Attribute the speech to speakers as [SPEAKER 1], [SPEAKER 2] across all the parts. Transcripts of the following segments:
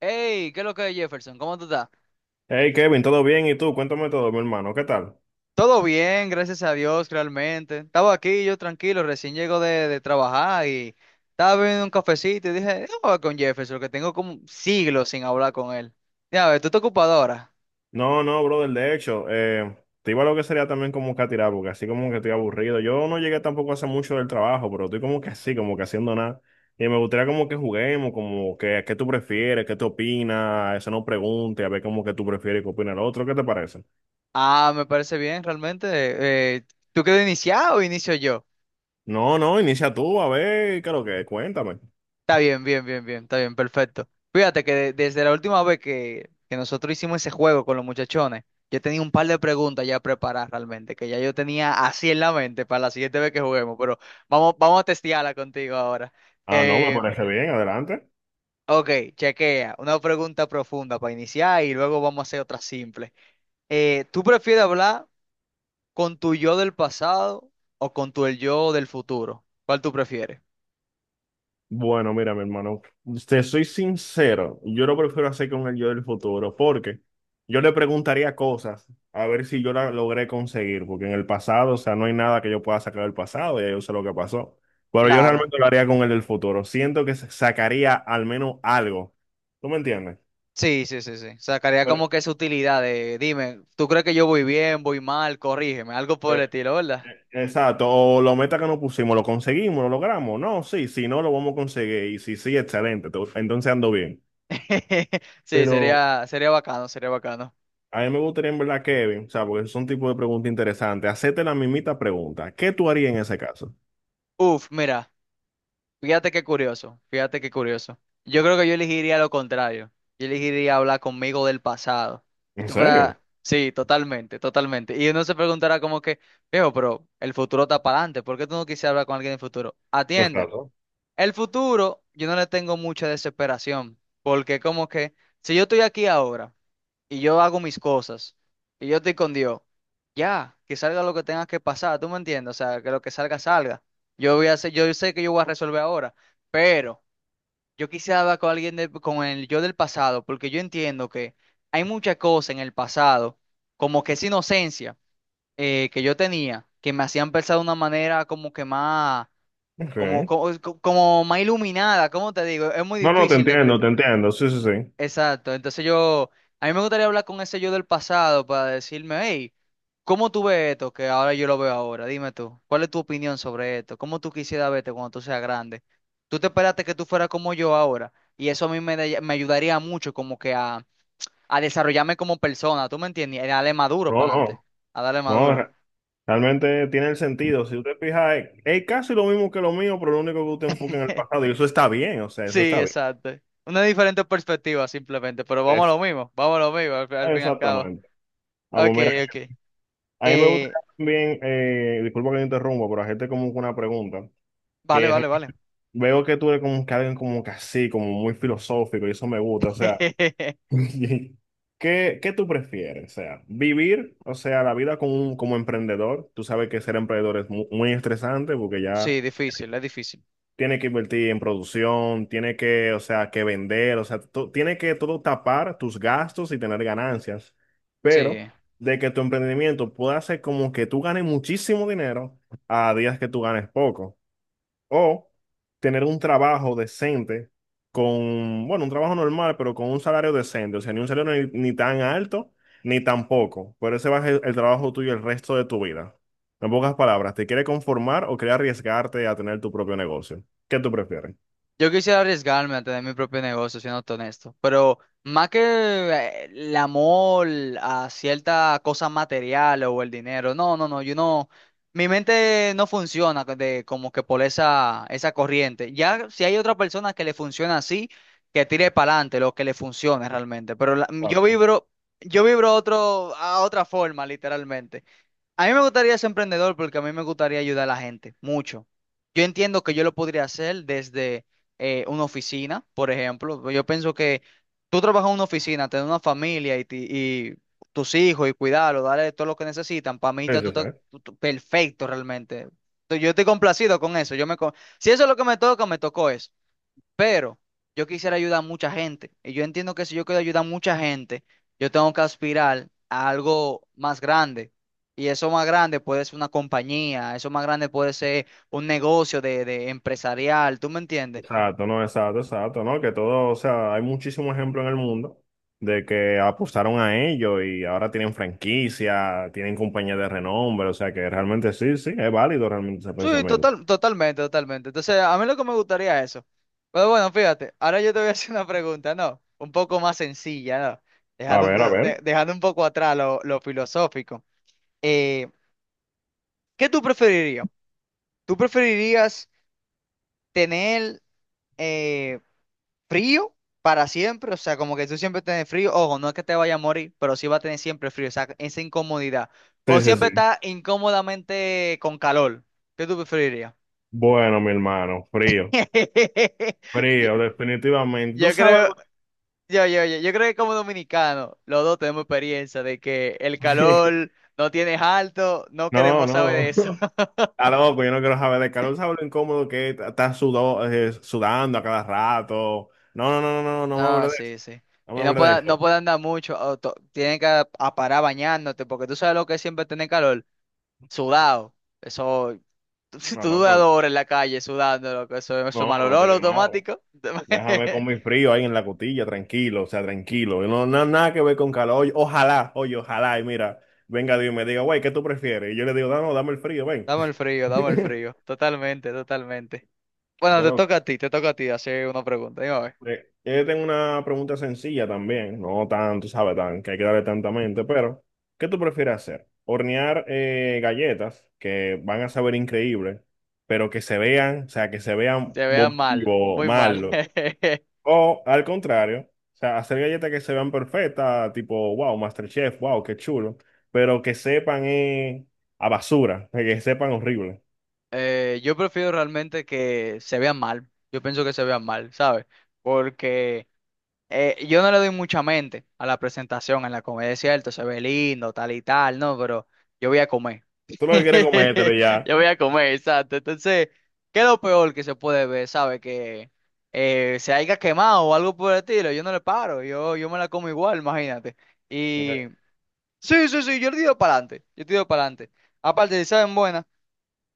[SPEAKER 1] Hey, ¿qué es lo que es Jefferson? ¿Cómo tú estás?
[SPEAKER 2] Hey Kevin, ¿todo bien? ¿Y tú? Cuéntame todo, mi hermano, ¿qué tal?
[SPEAKER 1] Todo bien, gracias a Dios, realmente. Estaba aquí yo tranquilo, recién llego de trabajar y estaba bebiendo un cafecito y dije, déjame hablar con Jefferson, que tengo como siglos sin hablar con él. Ya. A ¿tú estás ocupado ahora?
[SPEAKER 2] No, no, brother, de hecho, te iba a lo que sería también como que a tirar, porque así como que estoy aburrido. Yo no llegué tampoco hace mucho del trabajo, pero estoy como que así, como que haciendo nada. Y me gustaría como que juguemos, como que qué tú prefieres, qué te opinas, eso no pregunte, a ver como que tú prefieres y qué opina el otro, ¿qué te parece?
[SPEAKER 1] Ah, me parece bien, realmente. Eh, ¿tú quieres iniciar o inicio yo?
[SPEAKER 2] No, no, inicia tú, a ver, ¿qué es lo que es? Cuéntame.
[SPEAKER 1] Está bien, bien, bien, bien, está bien, perfecto. Fíjate que desde la última vez que nosotros hicimos ese juego con los muchachones, yo tenía un par de preguntas ya preparadas realmente, que ya yo tenía así en la mente para la siguiente vez que juguemos, pero vamos, vamos a testearla contigo ahora.
[SPEAKER 2] Ah, no, me
[SPEAKER 1] Eh,
[SPEAKER 2] parece bien, adelante.
[SPEAKER 1] ok, chequea, una pregunta profunda para iniciar y luego vamos a hacer otra simple. ¿Tú prefieres hablar con tu yo del pasado o con tu el yo del futuro. ¿Cuál tú prefieres?
[SPEAKER 2] Bueno, mira, mi hermano, te soy sincero, yo lo prefiero hacer con el yo del futuro, porque yo le preguntaría cosas a ver si yo la logré conseguir, porque en el pasado, o sea, no hay nada que yo pueda sacar del pasado, ya yo sé lo que pasó, pero yo
[SPEAKER 1] Claro.
[SPEAKER 2] realmente lo haría con el del futuro, siento que sacaría al menos algo, ¿tú me entiendes?
[SPEAKER 1] Sí, sí, sí, sí. Sacaría
[SPEAKER 2] Pero,
[SPEAKER 1] como que esa utilidad de, dime, ¿tú crees que yo voy bien, voy mal? Corrígeme, algo por
[SPEAKER 2] eh,
[SPEAKER 1] el estilo, ¿verdad?
[SPEAKER 2] exacto, o lo meta que nos pusimos, lo conseguimos, lo logramos, no, sí, si no, lo vamos a conseguir, y si sí, excelente, entonces ando bien.
[SPEAKER 1] Sí,
[SPEAKER 2] Pero
[SPEAKER 1] sería bacano, sería bacano.
[SPEAKER 2] a mí me gustaría en verdad, Kevin, o sea, porque son tipo de pregunta interesante. Hacete la mismita pregunta. ¿Qué tú harías en ese caso?
[SPEAKER 1] Uf, mira, fíjate qué curioso, fíjate qué curioso. Yo creo que yo elegiría lo contrario. Yo elegiría hablar conmigo del pasado. Y
[SPEAKER 2] ¿En
[SPEAKER 1] tú puedas,
[SPEAKER 2] serio?
[SPEAKER 1] sí, totalmente, totalmente. Y uno se preguntará como que viejo, pero el futuro está para adelante, ¿por qué tú no quisieras hablar con alguien del futuro? Atiende.
[SPEAKER 2] Exacto.
[SPEAKER 1] El futuro, yo no le tengo mucha desesperación, porque como que si yo estoy aquí ahora y yo hago mis cosas y yo estoy con Dios, ya, que salga lo que tenga que pasar, ¿tú me entiendes? O sea, que lo que salga, salga. Yo voy a hacer, yo sé que yo voy a resolver ahora, pero yo quisiera hablar con alguien con el yo del pasado, porque yo entiendo que hay muchas cosas en el pasado, como que esa inocencia que yo tenía, que me hacían pensar de una manera como que más como,
[SPEAKER 2] Ok.
[SPEAKER 1] como, como más iluminada. ¿Cómo te digo? Es muy
[SPEAKER 2] No, no, te
[SPEAKER 1] difícil de.
[SPEAKER 2] entiendo, te entiendo. Sí, sí, sí.
[SPEAKER 1] Exacto, entonces yo. A mí me gustaría hablar con ese yo del pasado para decirme, hey, ¿cómo tú ves esto que ahora yo lo veo ahora? Dime tú, ¿cuál es tu opinión sobre esto? ¿Cómo tú quisieras verte cuando tú seas grande? ¿Tú te esperaste que tú fueras como yo ahora? Y eso a mí me, da- me ayudaría mucho como que a desarrollarme como persona, ¿tú me entiendes? Y a darle maduro
[SPEAKER 2] No,
[SPEAKER 1] para adelante,
[SPEAKER 2] no.
[SPEAKER 1] a darle
[SPEAKER 2] No,
[SPEAKER 1] maduro.
[SPEAKER 2] realmente tiene el sentido. Si usted fija, es casi lo mismo que lo mío, pero lo único que usted enfoca en el pasado. Y eso está bien, o sea, eso
[SPEAKER 1] Sí,
[SPEAKER 2] está bien.
[SPEAKER 1] exacto. Una diferente perspectiva simplemente, pero vamos a
[SPEAKER 2] Es-
[SPEAKER 1] lo mismo, vamos a lo mismo al fin y al cabo.
[SPEAKER 2] Exactamente. Ah, pues
[SPEAKER 1] Ok,
[SPEAKER 2] mira,
[SPEAKER 1] ok.
[SPEAKER 2] a mí me gustaría
[SPEAKER 1] Eh,
[SPEAKER 2] también, disculpa que te interrumpa, pero hacerte como una pregunta.
[SPEAKER 1] vale,
[SPEAKER 2] Que
[SPEAKER 1] vale, vale.
[SPEAKER 2] Veo que tú eres como que alguien como que así, como muy filosófico, y eso me gusta. O sea, ¿qué tú prefieres? O sea, vivir, o sea, la vida como, como emprendedor. Tú sabes que ser emprendedor es muy, estresante porque ya
[SPEAKER 1] Sí, difícil, es difícil.
[SPEAKER 2] tiene que invertir en producción, tiene que, o sea, que vender, o sea, tiene que todo tapar tus gastos y tener ganancias. Pero
[SPEAKER 1] Sí.
[SPEAKER 2] de que tu emprendimiento pueda ser como que tú ganes muchísimo dinero a días que tú ganes poco. O tener un trabajo decente con, bueno, un trabajo normal, pero con un salario decente. O sea, ni un salario ni tan alto, ni tan poco. Pero ese va a ser el trabajo tuyo el resto de tu vida. En pocas palabras, ¿te quieres conformar o quieres arriesgarte a tener tu propio negocio? ¿Qué tú prefieres?
[SPEAKER 1] Yo quisiera arriesgarme a tener mi propio negocio, siendo honesto, pero más que el amor a cierta cosa material o el dinero, no, no, no, yo no, mi mente no funciona como que por esa corriente. Ya si hay otra persona que le funciona así, que tire para adelante lo que le funcione realmente, pero yo
[SPEAKER 2] Claro.
[SPEAKER 1] vibro, yo vibro a a otra forma, literalmente. A mí me gustaría ser emprendedor porque a mí me gustaría ayudar a la gente mucho. Yo entiendo que yo lo podría hacer desde una oficina, por ejemplo. Yo pienso que tú trabajas en una oficina, tener una familia y tus hijos y cuidarlos, darle todo lo que necesitan. Para mí
[SPEAKER 2] Sí,
[SPEAKER 1] está tú,
[SPEAKER 2] sí,
[SPEAKER 1] estás-
[SPEAKER 2] sí.
[SPEAKER 1] tú- tú- perfecto realmente. Yo estoy complacido con eso. Si eso es lo que me toca, me tocó eso. Pero yo quisiera ayudar a mucha gente. Y yo entiendo que si yo quiero ayudar a mucha gente, yo tengo que aspirar a algo más grande. Y eso más grande puede ser una compañía, eso más grande puede ser un negocio de empresarial, ¿tú me entiendes?
[SPEAKER 2] Exacto, no, exacto, exacto, no, que todo, o sea, hay muchísimos ejemplos en el mundo de que apostaron a ello y ahora tienen franquicia, tienen compañías de renombre, o sea que realmente sí, sí, es válido realmente ese
[SPEAKER 1] Sí,
[SPEAKER 2] pensamiento.
[SPEAKER 1] total, totalmente, totalmente. Entonces, a mí lo que me gustaría es eso. Pero bueno, fíjate, ahora yo te voy a hacer una pregunta, ¿no? Un poco más sencilla, ¿no?
[SPEAKER 2] A
[SPEAKER 1] Dejando, un
[SPEAKER 2] ver, a
[SPEAKER 1] to-
[SPEAKER 2] ver.
[SPEAKER 1] de- dejando un poco atrás lo filosófico. Eh, ¿qué tú preferirías? ¿Tú preferirías tener eh, frío para siempre? O sea, como que tú siempre tienes frío, ojo, no es que te vaya a morir, pero sí va a tener siempre frío, o sea, esa incomodidad. O
[SPEAKER 2] Sí, sí,
[SPEAKER 1] siempre
[SPEAKER 2] sí.
[SPEAKER 1] está incómodamente con calor. ¿Qué tú preferirías?
[SPEAKER 2] Bueno, mi hermano, frío, frío, definitivamente.
[SPEAKER 1] Yo,
[SPEAKER 2] Tú
[SPEAKER 1] yo
[SPEAKER 2] sabes
[SPEAKER 1] creo,
[SPEAKER 2] lo-
[SPEAKER 1] yo creo que como dominicano, los dos tenemos experiencia de que el calor no tienes alto, no
[SPEAKER 2] No,
[SPEAKER 1] queremos saber
[SPEAKER 2] no.
[SPEAKER 1] de eso.
[SPEAKER 2] A loco, yo no quiero saber de calor. ¿Sabes lo incómodo que es? Estás sudando a cada rato. No, no, no, no, no, no me
[SPEAKER 1] No,
[SPEAKER 2] hables de eso.
[SPEAKER 1] sí, sí.
[SPEAKER 2] No me
[SPEAKER 1] Y no
[SPEAKER 2] hables de
[SPEAKER 1] puede, no
[SPEAKER 2] eso.
[SPEAKER 1] puede andar mucho, o tiene que a parar bañándote, porque tú sabes lo que es siempre tener calor. Sudado. Eso. Si
[SPEAKER 2] No,
[SPEAKER 1] tú duras dos
[SPEAKER 2] loco.
[SPEAKER 1] horas en la calle sudando, loco, eso es
[SPEAKER 2] No,
[SPEAKER 1] mal
[SPEAKER 2] no
[SPEAKER 1] olor
[SPEAKER 2] tiene nada.
[SPEAKER 1] automático.
[SPEAKER 2] Déjame con mi frío ahí en la cotilla, tranquilo, o sea, tranquilo. No, no, nada que ver con calor. Oye, ojalá, y mira, venga Dios y me diga, güey, ¿qué tú prefieres? Y yo le digo, no, no, dame el frío, ven.
[SPEAKER 1] Dame el frío, dame el frío. Totalmente, totalmente. Bueno, te
[SPEAKER 2] Pero
[SPEAKER 1] toca a ti, te toca a ti hacer una pregunta. Dime a ver.
[SPEAKER 2] yo tengo una pregunta sencilla también, no tanto, ¿sabes? Tan, que hay que darle tanta mente, pero ¿qué tú prefieres hacer? Hornear galletas que van a saber increíble, pero que se vean, o sea, que se vean
[SPEAKER 1] Se vean mal,
[SPEAKER 2] vomitivo,
[SPEAKER 1] muy mal.
[SPEAKER 2] malo. O al contrario, o sea, hacer galletas que se vean perfectas, tipo, wow, MasterChef, wow, qué chulo, pero que sepan a basura, que sepan horrible.
[SPEAKER 1] Yo prefiero realmente que se vean mal. Yo pienso que se vean mal, ¿sabes? Porque yo no le doy mucha mente a la presentación en la comedia, ¿es cierto? Se ve lindo, tal y tal, ¿no? Pero yo voy a comer.
[SPEAKER 2] Tú lo que quieres comértelo y ya.
[SPEAKER 1] Yo voy a comer, exacto. Entonces, ¿qué es lo peor que se puede ver? ¿Sabe? Que se haya quemado o algo por el estilo. Yo no le paro, yo me la como igual, imagínate. Y
[SPEAKER 2] Eh,
[SPEAKER 1] sí, sí, sí, yo le tiro para adelante. Yo tiro para adelante. Aparte,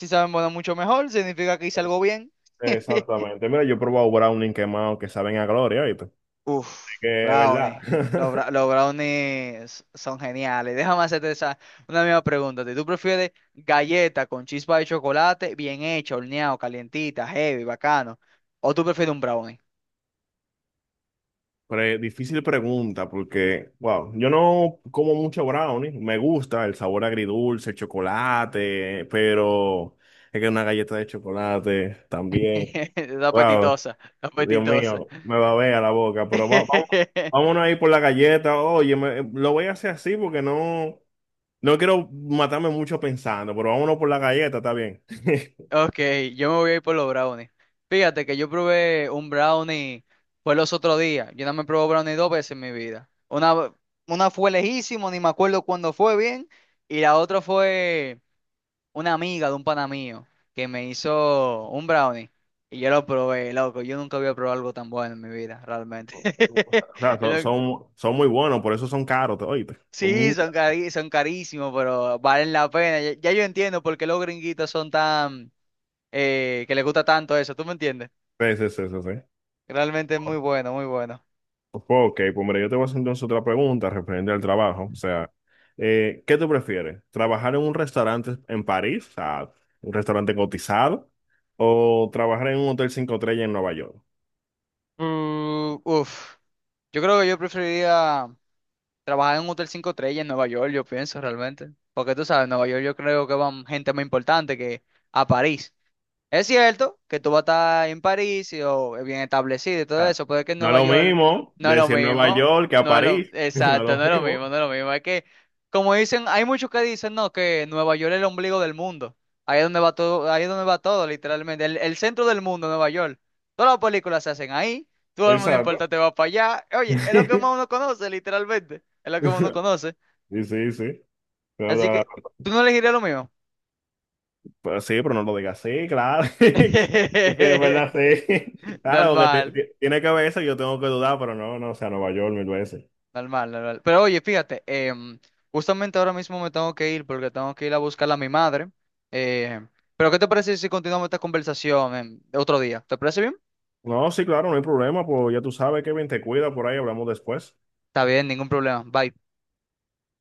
[SPEAKER 1] si saben buena mucho mejor, significa que hice algo bien.
[SPEAKER 2] Exactamente. Mira, yo he probado brownie quemado que saben a gloria, ¿viste?
[SPEAKER 1] Uf,
[SPEAKER 2] Que es verdad.
[SPEAKER 1] brownie. Los brownies son geniales. Déjame hacerte una misma pregunta. Si ¿Tú prefieres galleta con chispa de chocolate, bien hecha, horneado, calientita, heavy, bacano? ¿O tú prefieres un brownie?
[SPEAKER 2] Difícil pregunta porque, wow, yo no como mucho brownie, me gusta el sabor agridulce, el chocolate, pero es que una galleta de chocolate también,
[SPEAKER 1] Está
[SPEAKER 2] wow,
[SPEAKER 1] apetitosa, está
[SPEAKER 2] Dios
[SPEAKER 1] apetitosa.
[SPEAKER 2] mío, me va a ver a la boca, pero va, vamos, vámonos ahí por la galleta, oye, lo voy a hacer así porque no, no quiero matarme mucho pensando, pero vámonos por la galleta, está bien.
[SPEAKER 1] Ok, yo me voy a ir por los brownies. Fíjate que yo probé un brownie, fue los otros días. Yo no me probé brownie dos veces en mi vida. Una fue lejísimo, ni me acuerdo cuándo fue bien. Y la otra fue una amiga de un pana mío que me hizo un brownie y yo lo probé, loco. Yo nunca había probado algo tan bueno en mi vida, realmente.
[SPEAKER 2] O sea,
[SPEAKER 1] Yo
[SPEAKER 2] son,
[SPEAKER 1] no-
[SPEAKER 2] son, son muy buenos, por eso son caros, oye, son
[SPEAKER 1] Sí,
[SPEAKER 2] muchas
[SPEAKER 1] son carísimos, pero valen la pena. Ya yo entiendo por qué los gringuitos son tan, que les gusta tanto eso, ¿tú me entiendes?
[SPEAKER 2] veces eso, ¿sí? Sí, sí,
[SPEAKER 1] Realmente es muy
[SPEAKER 2] sí.
[SPEAKER 1] bueno, muy bueno.
[SPEAKER 2] Ok, pues mira, yo te voy a hacer entonces otra pregunta referente al trabajo. O sea, ¿qué tú prefieres? ¿Trabajar en un restaurante en París, o sea, un restaurante cotizado, o trabajar en un hotel cinco estrellas en Nueva York?
[SPEAKER 1] Uf. Yo creo que yo preferiría trabajar en un hotel 5 estrellas en Nueva York, yo pienso realmente. Porque tú sabes, en Nueva York yo creo que van gente más importante que a París. Es cierto que tú vas a estar en París y, o bien establecido y todo
[SPEAKER 2] Ah,
[SPEAKER 1] eso, pero es que en
[SPEAKER 2] no es
[SPEAKER 1] Nueva
[SPEAKER 2] lo
[SPEAKER 1] York
[SPEAKER 2] mismo
[SPEAKER 1] no es lo
[SPEAKER 2] decir Nueva
[SPEAKER 1] mismo,
[SPEAKER 2] York que a París, no es
[SPEAKER 1] exacto,
[SPEAKER 2] lo
[SPEAKER 1] no es lo
[SPEAKER 2] mismo.
[SPEAKER 1] mismo, no es lo mismo. Es que, como dicen, hay muchos que dicen, no, que Nueva York es el ombligo del mundo. Ahí es donde va todo, ahí es donde va todo, literalmente. El centro del mundo, Nueva York. Todas las películas se hacen ahí, todo el mundo
[SPEAKER 2] Exacto.
[SPEAKER 1] importante va para allá. Oye, es lo que más uno conoce, literalmente. Es lo que más uno conoce.
[SPEAKER 2] Sí, sí, sí. No,
[SPEAKER 1] Así
[SPEAKER 2] no,
[SPEAKER 1] que, ¿tú no elegirías lo mismo?
[SPEAKER 2] no, sí, pero no lo digas así, claro. Sí, es verdad, sí. Claro, porque
[SPEAKER 1] Normal.
[SPEAKER 2] tiene que ver eso, yo tengo que dudar, pero no, no, o sea, Nueva York mil veces.
[SPEAKER 1] Normal, normal. Pero oye, fíjate, justamente ahora mismo me tengo que ir porque tengo que ir a buscar a mi madre. Eh, pero ¿qué te parece si continuamos esta conversación en otro día? ¿Te parece bien?
[SPEAKER 2] No, sí, claro, no hay problema, pues ya tú sabes, Kevin, te cuida por ahí, hablamos después.
[SPEAKER 1] Está bien, ningún problema. Bye.